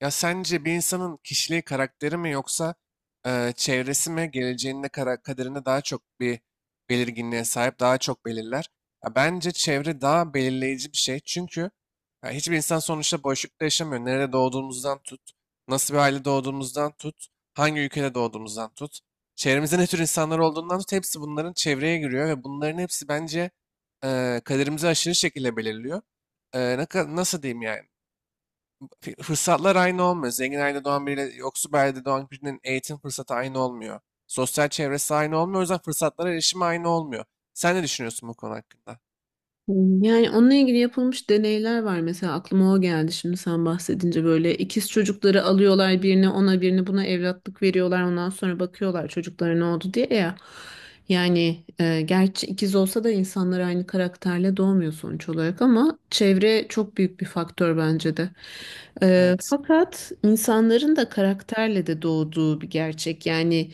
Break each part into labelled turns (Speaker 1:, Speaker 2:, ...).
Speaker 1: Ya sence bir insanın kişiliği, karakteri mi yoksa çevresi mi geleceğinde kara kaderinde daha çok bir belirginliğe sahip, daha çok belirler? Ya bence çevre daha belirleyici bir şey. Çünkü ya hiçbir insan sonuçta boşlukta yaşamıyor. Nerede doğduğumuzdan tut, nasıl bir aile doğduğumuzdan tut, hangi ülkede doğduğumuzdan tut. Çevremizde ne tür insanlar olduğundan tut, hepsi bunların çevreye giriyor ve bunların hepsi bence kaderimizi aşırı şekilde belirliyor. Nasıl diyeyim yani? Fırsatlar aynı olmuyor. Zengin ailede doğan biriyle yoksul bir ailede doğan birinin eğitim fırsatı aynı olmuyor. Sosyal çevresi aynı olmuyor. O yüzden fırsatlara erişimi aynı olmuyor. Sen ne düşünüyorsun bu konu hakkında?
Speaker 2: Yani onunla ilgili yapılmış deneyler var. Mesela aklıma o geldi şimdi sen bahsedince böyle ikiz çocukları alıyorlar birini ona birini buna evlatlık veriyorlar. Ondan sonra bakıyorlar çocuklara ne oldu diye ya. Yani gerçi ikiz olsa da insanlar aynı karakterle doğmuyor sonuç olarak ama çevre çok büyük bir faktör bence de. E,
Speaker 1: Evet,
Speaker 2: fakat insanların da karakterle de doğduğu bir gerçek. Yani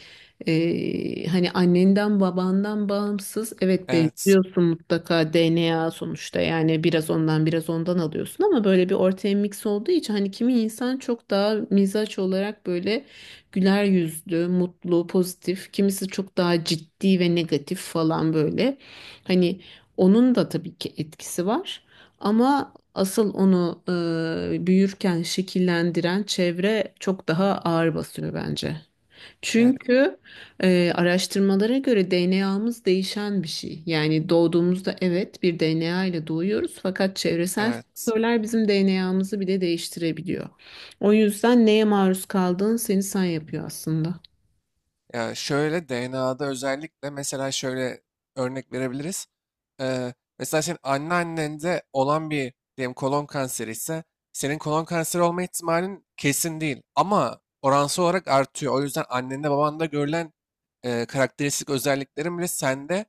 Speaker 2: hani annenden babandan bağımsız evet
Speaker 1: evet,
Speaker 2: benziyorsun mutlaka DNA sonuçta yani biraz ondan biraz ondan alıyorsun ama böyle bir ortaya mix olduğu için hani kimi insan çok daha mizaç olarak böyle güler yüzlü, mutlu, pozitif, kimisi çok daha ciddi ve negatif falan böyle. Hani onun da tabii ki etkisi var ama asıl onu büyürken şekillendiren çevre çok daha ağır basıyor bence.
Speaker 1: evet,
Speaker 2: Çünkü araştırmalara göre DNA'mız değişen bir şey. Yani doğduğumuzda evet bir DNA ile doğuyoruz fakat çevresel
Speaker 1: evet.
Speaker 2: faktörler bizim DNA'mızı bile değiştirebiliyor. O yüzden neye maruz kaldığın seni sen yapıyor aslında.
Speaker 1: Ya şöyle DNA'da özellikle mesela şöyle örnek verebiliriz. Mesela senin anneannende olan bir diyelim kolon kanseri ise senin kolon kanseri olma ihtimalin kesin değil ama oransal olarak artıyor. O yüzden annende babanda görülen karakteristik özelliklerin bile sende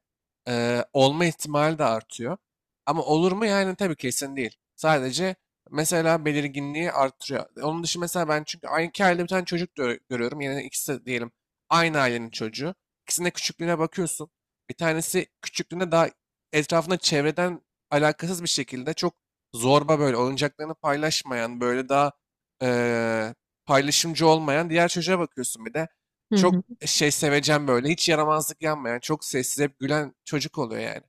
Speaker 1: olma ihtimali de artıyor. Ama olur mu yani tabii kesin değil. Sadece mesela belirginliği artırıyor. Onun dışı mesela ben çünkü aynı iki ailede bir tane çocuk görüyorum. Yani ikisi de diyelim aynı ailenin çocuğu. İkisinin de küçüklüğüne bakıyorsun. Bir tanesi küçüklüğünde daha etrafında çevreden alakasız bir şekilde çok zorba böyle oyuncaklarını paylaşmayan, böyle daha eee, paylaşımcı olmayan diğer çocuğa bakıyorsun bir de.
Speaker 2: Hı
Speaker 1: Çok
Speaker 2: hı.
Speaker 1: şey sevecen böyle, hiç yaramazlık yanmayan, çok sessiz hep gülen çocuk oluyor yani.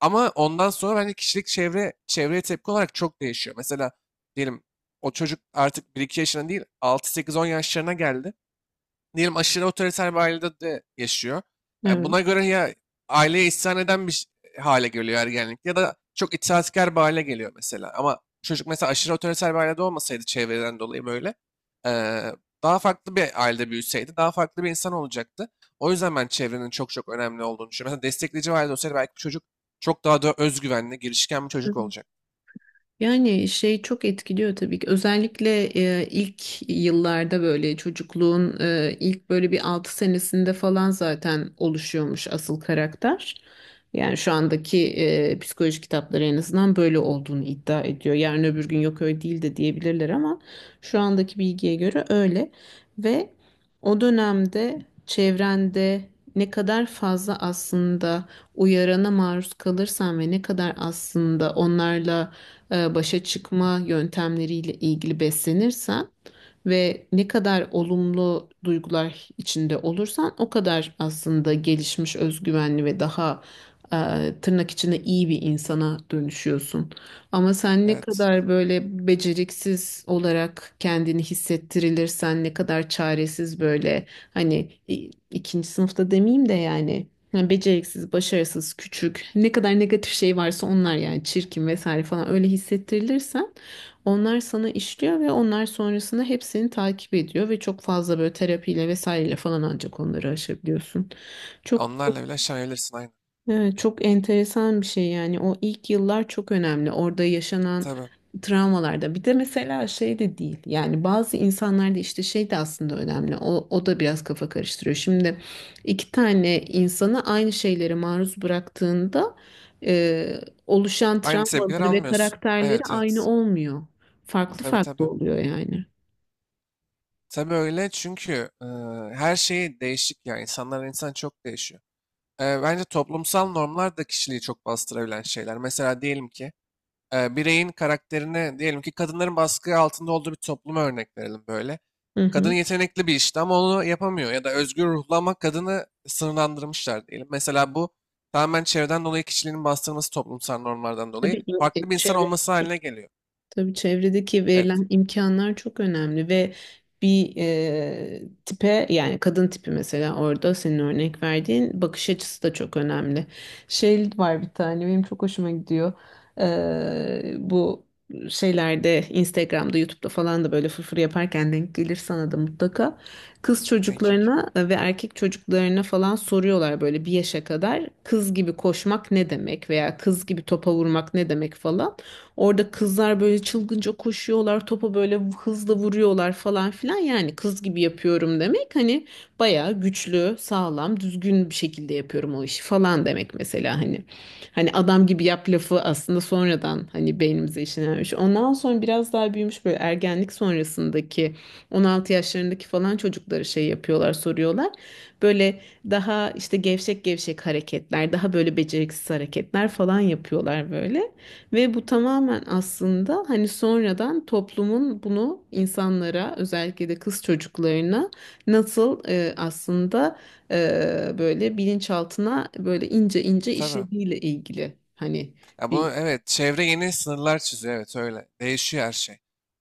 Speaker 1: Ama ondan sonra bence kişilik çevreye tepki olarak çok değişiyor. Mesela diyelim o çocuk artık bir iki yaşına değil altı sekiz on yaşlarına geldi diyelim aşırı otoriter bir ailede de yaşıyor.
Speaker 2: Evet.
Speaker 1: Buna göre ya aileye isyan eden bir hale geliyor ergenlikte ya da çok itaatkar bir hale geliyor mesela. Ama çocuk mesela aşırı otoriter bir ailede olmasaydı çevreden dolayı böyle e, daha farklı bir ailede büyüseydi daha farklı bir insan olacaktı. O yüzden ben çevrenin çok çok önemli olduğunu düşünüyorum. Mesela destekleyici bir ailede olsaydı belki bu çocuk çok daha da özgüvenli, girişken bir çocuk olacak.
Speaker 2: Yani şey çok etkiliyor tabii ki. Özellikle ilk yıllarda böyle çocukluğun ilk böyle bir 6 senesinde falan zaten oluşuyormuş asıl karakter. Yani şu andaki psikoloji kitapları en azından böyle olduğunu iddia ediyor. Yarın öbür gün yok öyle değil de diyebilirler ama şu andaki bilgiye göre öyle. Ve o dönemde çevrende ne kadar fazla aslında uyarana maruz kalırsan ve ne kadar aslında onlarla başa çıkma yöntemleriyle ilgili beslenirsen ve ne kadar olumlu duygular içinde olursan o kadar aslında gelişmiş, özgüvenli ve daha tırnak içinde iyi bir insana dönüşüyorsun. Ama sen ne
Speaker 1: Evet.
Speaker 2: kadar böyle beceriksiz olarak kendini hissettirilirsen, ne kadar çaresiz böyle, hani ikinci sınıfta demeyeyim de yani beceriksiz, başarısız, küçük, ne kadar negatif şey varsa onlar, yani çirkin vesaire falan öyle hissettirilirsen onlar sana işliyor ve onlar sonrasında hepsini takip ediyor ve çok fazla böyle terapiyle vesaireyle falan ancak onları aşabiliyorsun. Çok
Speaker 1: Onlarla bile şaşabilirsin aynı.
Speaker 2: Evet, çok enteresan bir şey yani, o ilk yıllar çok önemli, orada yaşanan
Speaker 1: Tabii.
Speaker 2: travmalarda bir de mesela şey de değil yani, bazı insanlarda işte şey de aslında önemli, o, o da biraz kafa karıştırıyor şimdi. İki tane insanı aynı şeylere maruz bıraktığında e, oluşan
Speaker 1: Aynı tepkiler
Speaker 2: travmaları ve
Speaker 1: almıyorsun.
Speaker 2: karakterleri
Speaker 1: Evet,
Speaker 2: aynı
Speaker 1: evet.
Speaker 2: olmuyor, farklı
Speaker 1: Tabii,
Speaker 2: farklı
Speaker 1: tabii.
Speaker 2: oluyor yani.
Speaker 1: Tabii öyle çünkü e, her şey değişik ya. İnsanlar insan çok değişiyor. Bence toplumsal normlar da kişiliği çok bastırabilen şeyler. Mesela diyelim ki bireyin karakterine diyelim ki kadınların baskı altında olduğu bir topluma örnek verelim böyle.
Speaker 2: Hı
Speaker 1: Kadın
Speaker 2: hı.
Speaker 1: yetenekli bir işte ama onu yapamıyor ya da özgür ruhlu ama kadını sınırlandırmışlar diyelim. Mesela bu tamamen çevreden dolayı kişiliğinin bastırılması toplumsal normlardan dolayı
Speaker 2: Tabii ki
Speaker 1: farklı bir insan
Speaker 2: çevre.
Speaker 1: olması haline geliyor.
Speaker 2: Tabii çevredeki
Speaker 1: Evet.
Speaker 2: verilen imkanlar çok önemli ve bir tipe, yani kadın tipi mesela, orada senin örnek verdiğin bakış açısı da çok önemli. Şey var bir tane benim çok hoşuma gidiyor. Bu şeylerde Instagram'da YouTube'da falan da böyle fırfır yaparken denk gelir sana da mutlaka. Kız
Speaker 1: Ne?
Speaker 2: çocuklarına ve erkek çocuklarına falan soruyorlar, böyle bir yaşa kadar kız gibi koşmak ne demek veya kız gibi topa vurmak ne demek falan. Orada kızlar böyle çılgınca koşuyorlar, topa böyle hızla vuruyorlar falan filan. Yani kız gibi yapıyorum demek, hani bayağı güçlü, sağlam, düzgün bir şekilde yapıyorum o işi falan demek mesela, hani. Hani adam gibi yap lafı aslında sonradan hani beynimize işlenmiş. Ondan sonra biraz daha büyümüş, böyle ergenlik sonrasındaki 16 yaşlarındaki falan çocukları şey yapıyorlar, soruyorlar. Böyle daha işte gevşek gevşek hareketler, daha böyle beceriksiz hareketler falan yapıyorlar böyle. Ve bu tamamen aslında hani sonradan toplumun bunu insanlara, özellikle de kız çocuklarına nasıl aslında böyle bilinçaltına böyle ince ince
Speaker 1: Tabii.
Speaker 2: işlediğiyle ilgili, hani
Speaker 1: Ya bunu
Speaker 2: bir.
Speaker 1: evet çevre yeni sınırlar çiziyor evet öyle. Değişiyor her şey.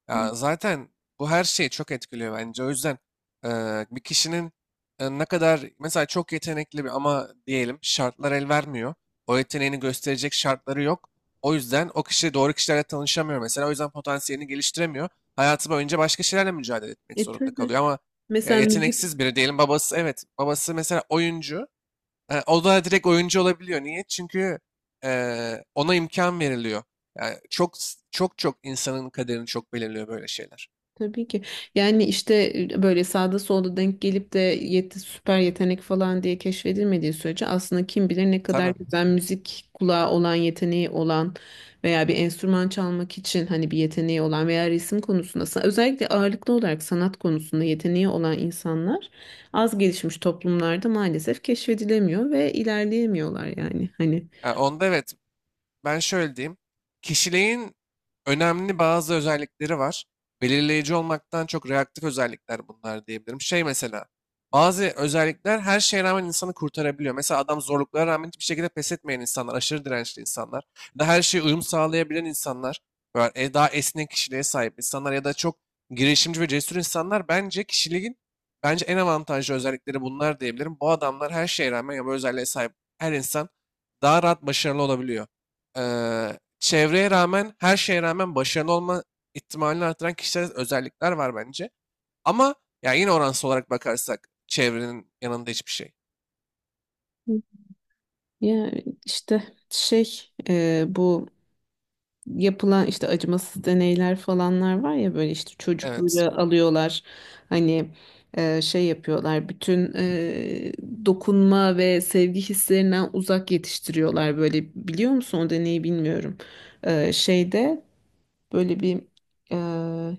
Speaker 1: Ya zaten bu her şeyi çok etkiliyor bence. O yüzden bir kişinin ne kadar mesela çok yetenekli bir ama diyelim şartlar el vermiyor. O yeteneğini gösterecek şartları yok. O yüzden o kişi doğru kişilerle tanışamıyor mesela. O yüzden potansiyelini geliştiremiyor. Hayatı boyunca başka şeylerle mücadele etmek zorunda
Speaker 2: Tabii.
Speaker 1: kalıyor ama ya
Speaker 2: Mesela müzik.
Speaker 1: yeteneksiz biri diyelim babası evet babası mesela oyuncu. O da direkt oyuncu olabiliyor. Niye? Çünkü ona imkan veriliyor. Yani çok çok çok insanın kaderini çok belirliyor böyle şeyler.
Speaker 2: Tabii ki. Yani işte böyle sağda solda denk gelip de süper yetenek falan diye keşfedilmediği sürece aslında kim bilir ne kadar
Speaker 1: Tabii.
Speaker 2: güzel müzik kulağı olan, yeteneği olan veya bir enstrüman çalmak için hani bir yeteneği olan veya resim konusunda özellikle ağırlıklı olarak sanat konusunda yeteneği olan insanlar az gelişmiş toplumlarda maalesef keşfedilemiyor ve ilerleyemiyorlar yani. Hani
Speaker 1: Onda evet. Ben şöyle diyeyim. Kişiliğin önemli bazı özellikleri var. Belirleyici olmaktan çok reaktif özellikler bunlar diyebilirim. Şey mesela bazı özellikler her şeye rağmen insanı kurtarabiliyor. Mesela adam zorluklara rağmen hiçbir şekilde pes etmeyen insanlar, aşırı dirençli insanlar, ya da her şeye uyum sağlayabilen insanlar, böyle daha esnek kişiliğe sahip insanlar ya da çok girişimci ve cesur insanlar bence kişiliğin en avantajlı özellikleri bunlar diyebilirim. Bu adamlar her şeye rağmen ya bu özelliğe sahip her insan daha rahat başarılı olabiliyor. Çevreye rağmen, her şeye rağmen başarılı olma ihtimalini artıran kişisel özellikler var bence. Ama ya yine oransal olarak bakarsak çevrenin yanında hiçbir şey.
Speaker 2: ya, işte şey, bu yapılan işte acımasız deneyler falanlar var ya, böyle işte
Speaker 1: Evet,
Speaker 2: çocukları alıyorlar, hani şey yapıyorlar, bütün dokunma ve sevgi hislerinden uzak yetiştiriyorlar böyle. Biliyor musun o deneyi, bilmiyorum. Şeyde, böyle bir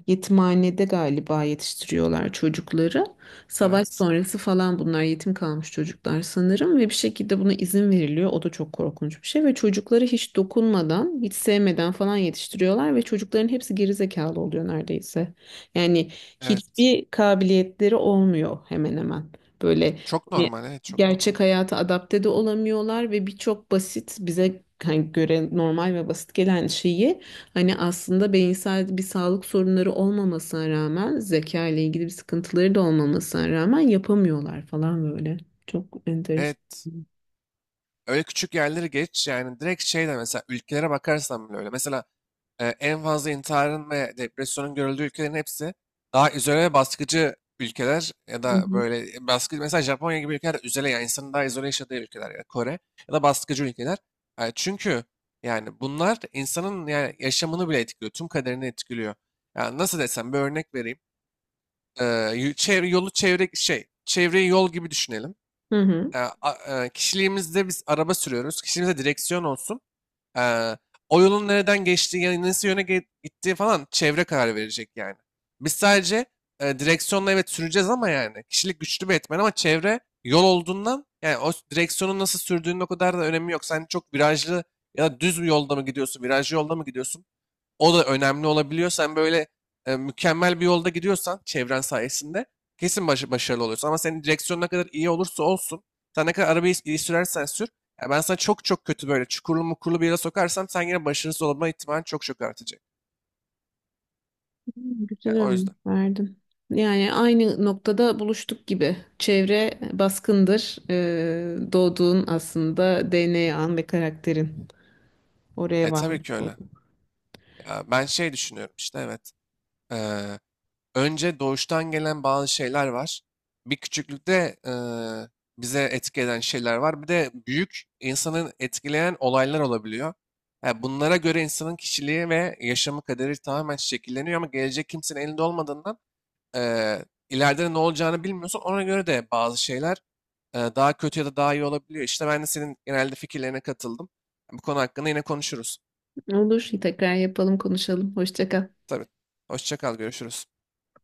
Speaker 2: yetimhanede galiba yetiştiriyorlar çocukları. Savaş
Speaker 1: evet,
Speaker 2: sonrası falan bunlar yetim kalmış çocuklar sanırım ve bir şekilde buna izin veriliyor. O da çok korkunç bir şey ve çocukları hiç dokunmadan, hiç sevmeden falan yetiştiriyorlar ve çocukların hepsi gerizekalı oluyor neredeyse. Yani
Speaker 1: evet.
Speaker 2: hiçbir kabiliyetleri olmuyor hemen hemen. Böyle,
Speaker 1: Çok
Speaker 2: hani
Speaker 1: normal, evet, çok normal.
Speaker 2: gerçek hayata adapte de olamıyorlar ve birçok basit, bize hani göre normal ve basit gelen şeyi, hani aslında beyinsel bir sağlık sorunları olmamasına rağmen, zeka ile ilgili bir sıkıntıları da olmamasına rağmen yapamıyorlar falan böyle. Çok enteresan.
Speaker 1: Evet, öyle küçük yerleri geç yani direkt şey de mesela ülkelere bakarsan bile öyle. Mesela en fazla intiharın ve depresyonun görüldüğü ülkelerin hepsi daha izole ve baskıcı ülkeler ya
Speaker 2: Hı
Speaker 1: da
Speaker 2: hı.
Speaker 1: böyle baskı mesela Japonya gibi ülkeler izole yani insanın daha izole yaşadığı ülkeler ya da Kore ya da baskıcı ülkeler. Çünkü yani bunlar insanın yani yaşamını bile etkiliyor, tüm kaderini etkiliyor. Yani nasıl desem bir örnek vereyim. E, Çevreyi yol gibi düşünelim.
Speaker 2: Hı hı.
Speaker 1: Kişiliğimizde biz araba sürüyoruz. Kişiliğimizde direksiyon olsun. Eee, O yolun nereden geçtiği, yani nasıl yöne gittiği falan çevre karar verecek yani. Biz sadece direksiyonla evet süreceğiz ama yani kişilik güçlü bir etmen ama çevre yol olduğundan yani o direksiyonun nasıl sürdüğünün o kadar da önemi yok. Sen çok virajlı ya da düz bir yolda mı gidiyorsun, virajlı yolda mı gidiyorsun? O da önemli olabiliyor. Sen böyle mükemmel bir yolda gidiyorsan çevren sayesinde kesin başarılı oluyorsun. Ama senin direksiyon ne kadar iyi olursa olsun, sen ne kadar arabayı iyi sürersen sür, ya ben sana çok çok kötü böyle çukurlu mukurlu bir yere sokarsam sen yine başarısız olma ihtimalin çok çok artacak.
Speaker 2: Güzel
Speaker 1: Yani o
Speaker 2: örnek
Speaker 1: yüzden.
Speaker 2: verdin. Yani aynı noktada buluştuk gibi. Çevre baskındır. Doğduğun aslında DNA'n ve karakterin. Oraya
Speaker 1: E tabii
Speaker 2: varmış
Speaker 1: ki öyle.
Speaker 2: olduk.
Speaker 1: Ya ben şey düşünüyorum işte evet. Ee, Önce doğuştan gelen bazı şeyler var. Bir küçüklükte bize etki eden şeyler var. Bir de büyük insanın etkileyen olaylar olabiliyor. Yani bunlara göre insanın kişiliği ve yaşamı kaderi tamamen şekilleniyor ama gelecek kimsenin elinde olmadığından eee ileride ne olacağını bilmiyorsun. Ona göre de bazı şeyler daha kötü ya da daha iyi olabiliyor. İşte ben de senin genelde fikirlerine katıldım. Bu konu hakkında yine konuşuruz.
Speaker 2: Olur. Tekrar yapalım, konuşalım. Hoşça kal.
Speaker 1: Tabii. Hoşça kal, görüşürüz.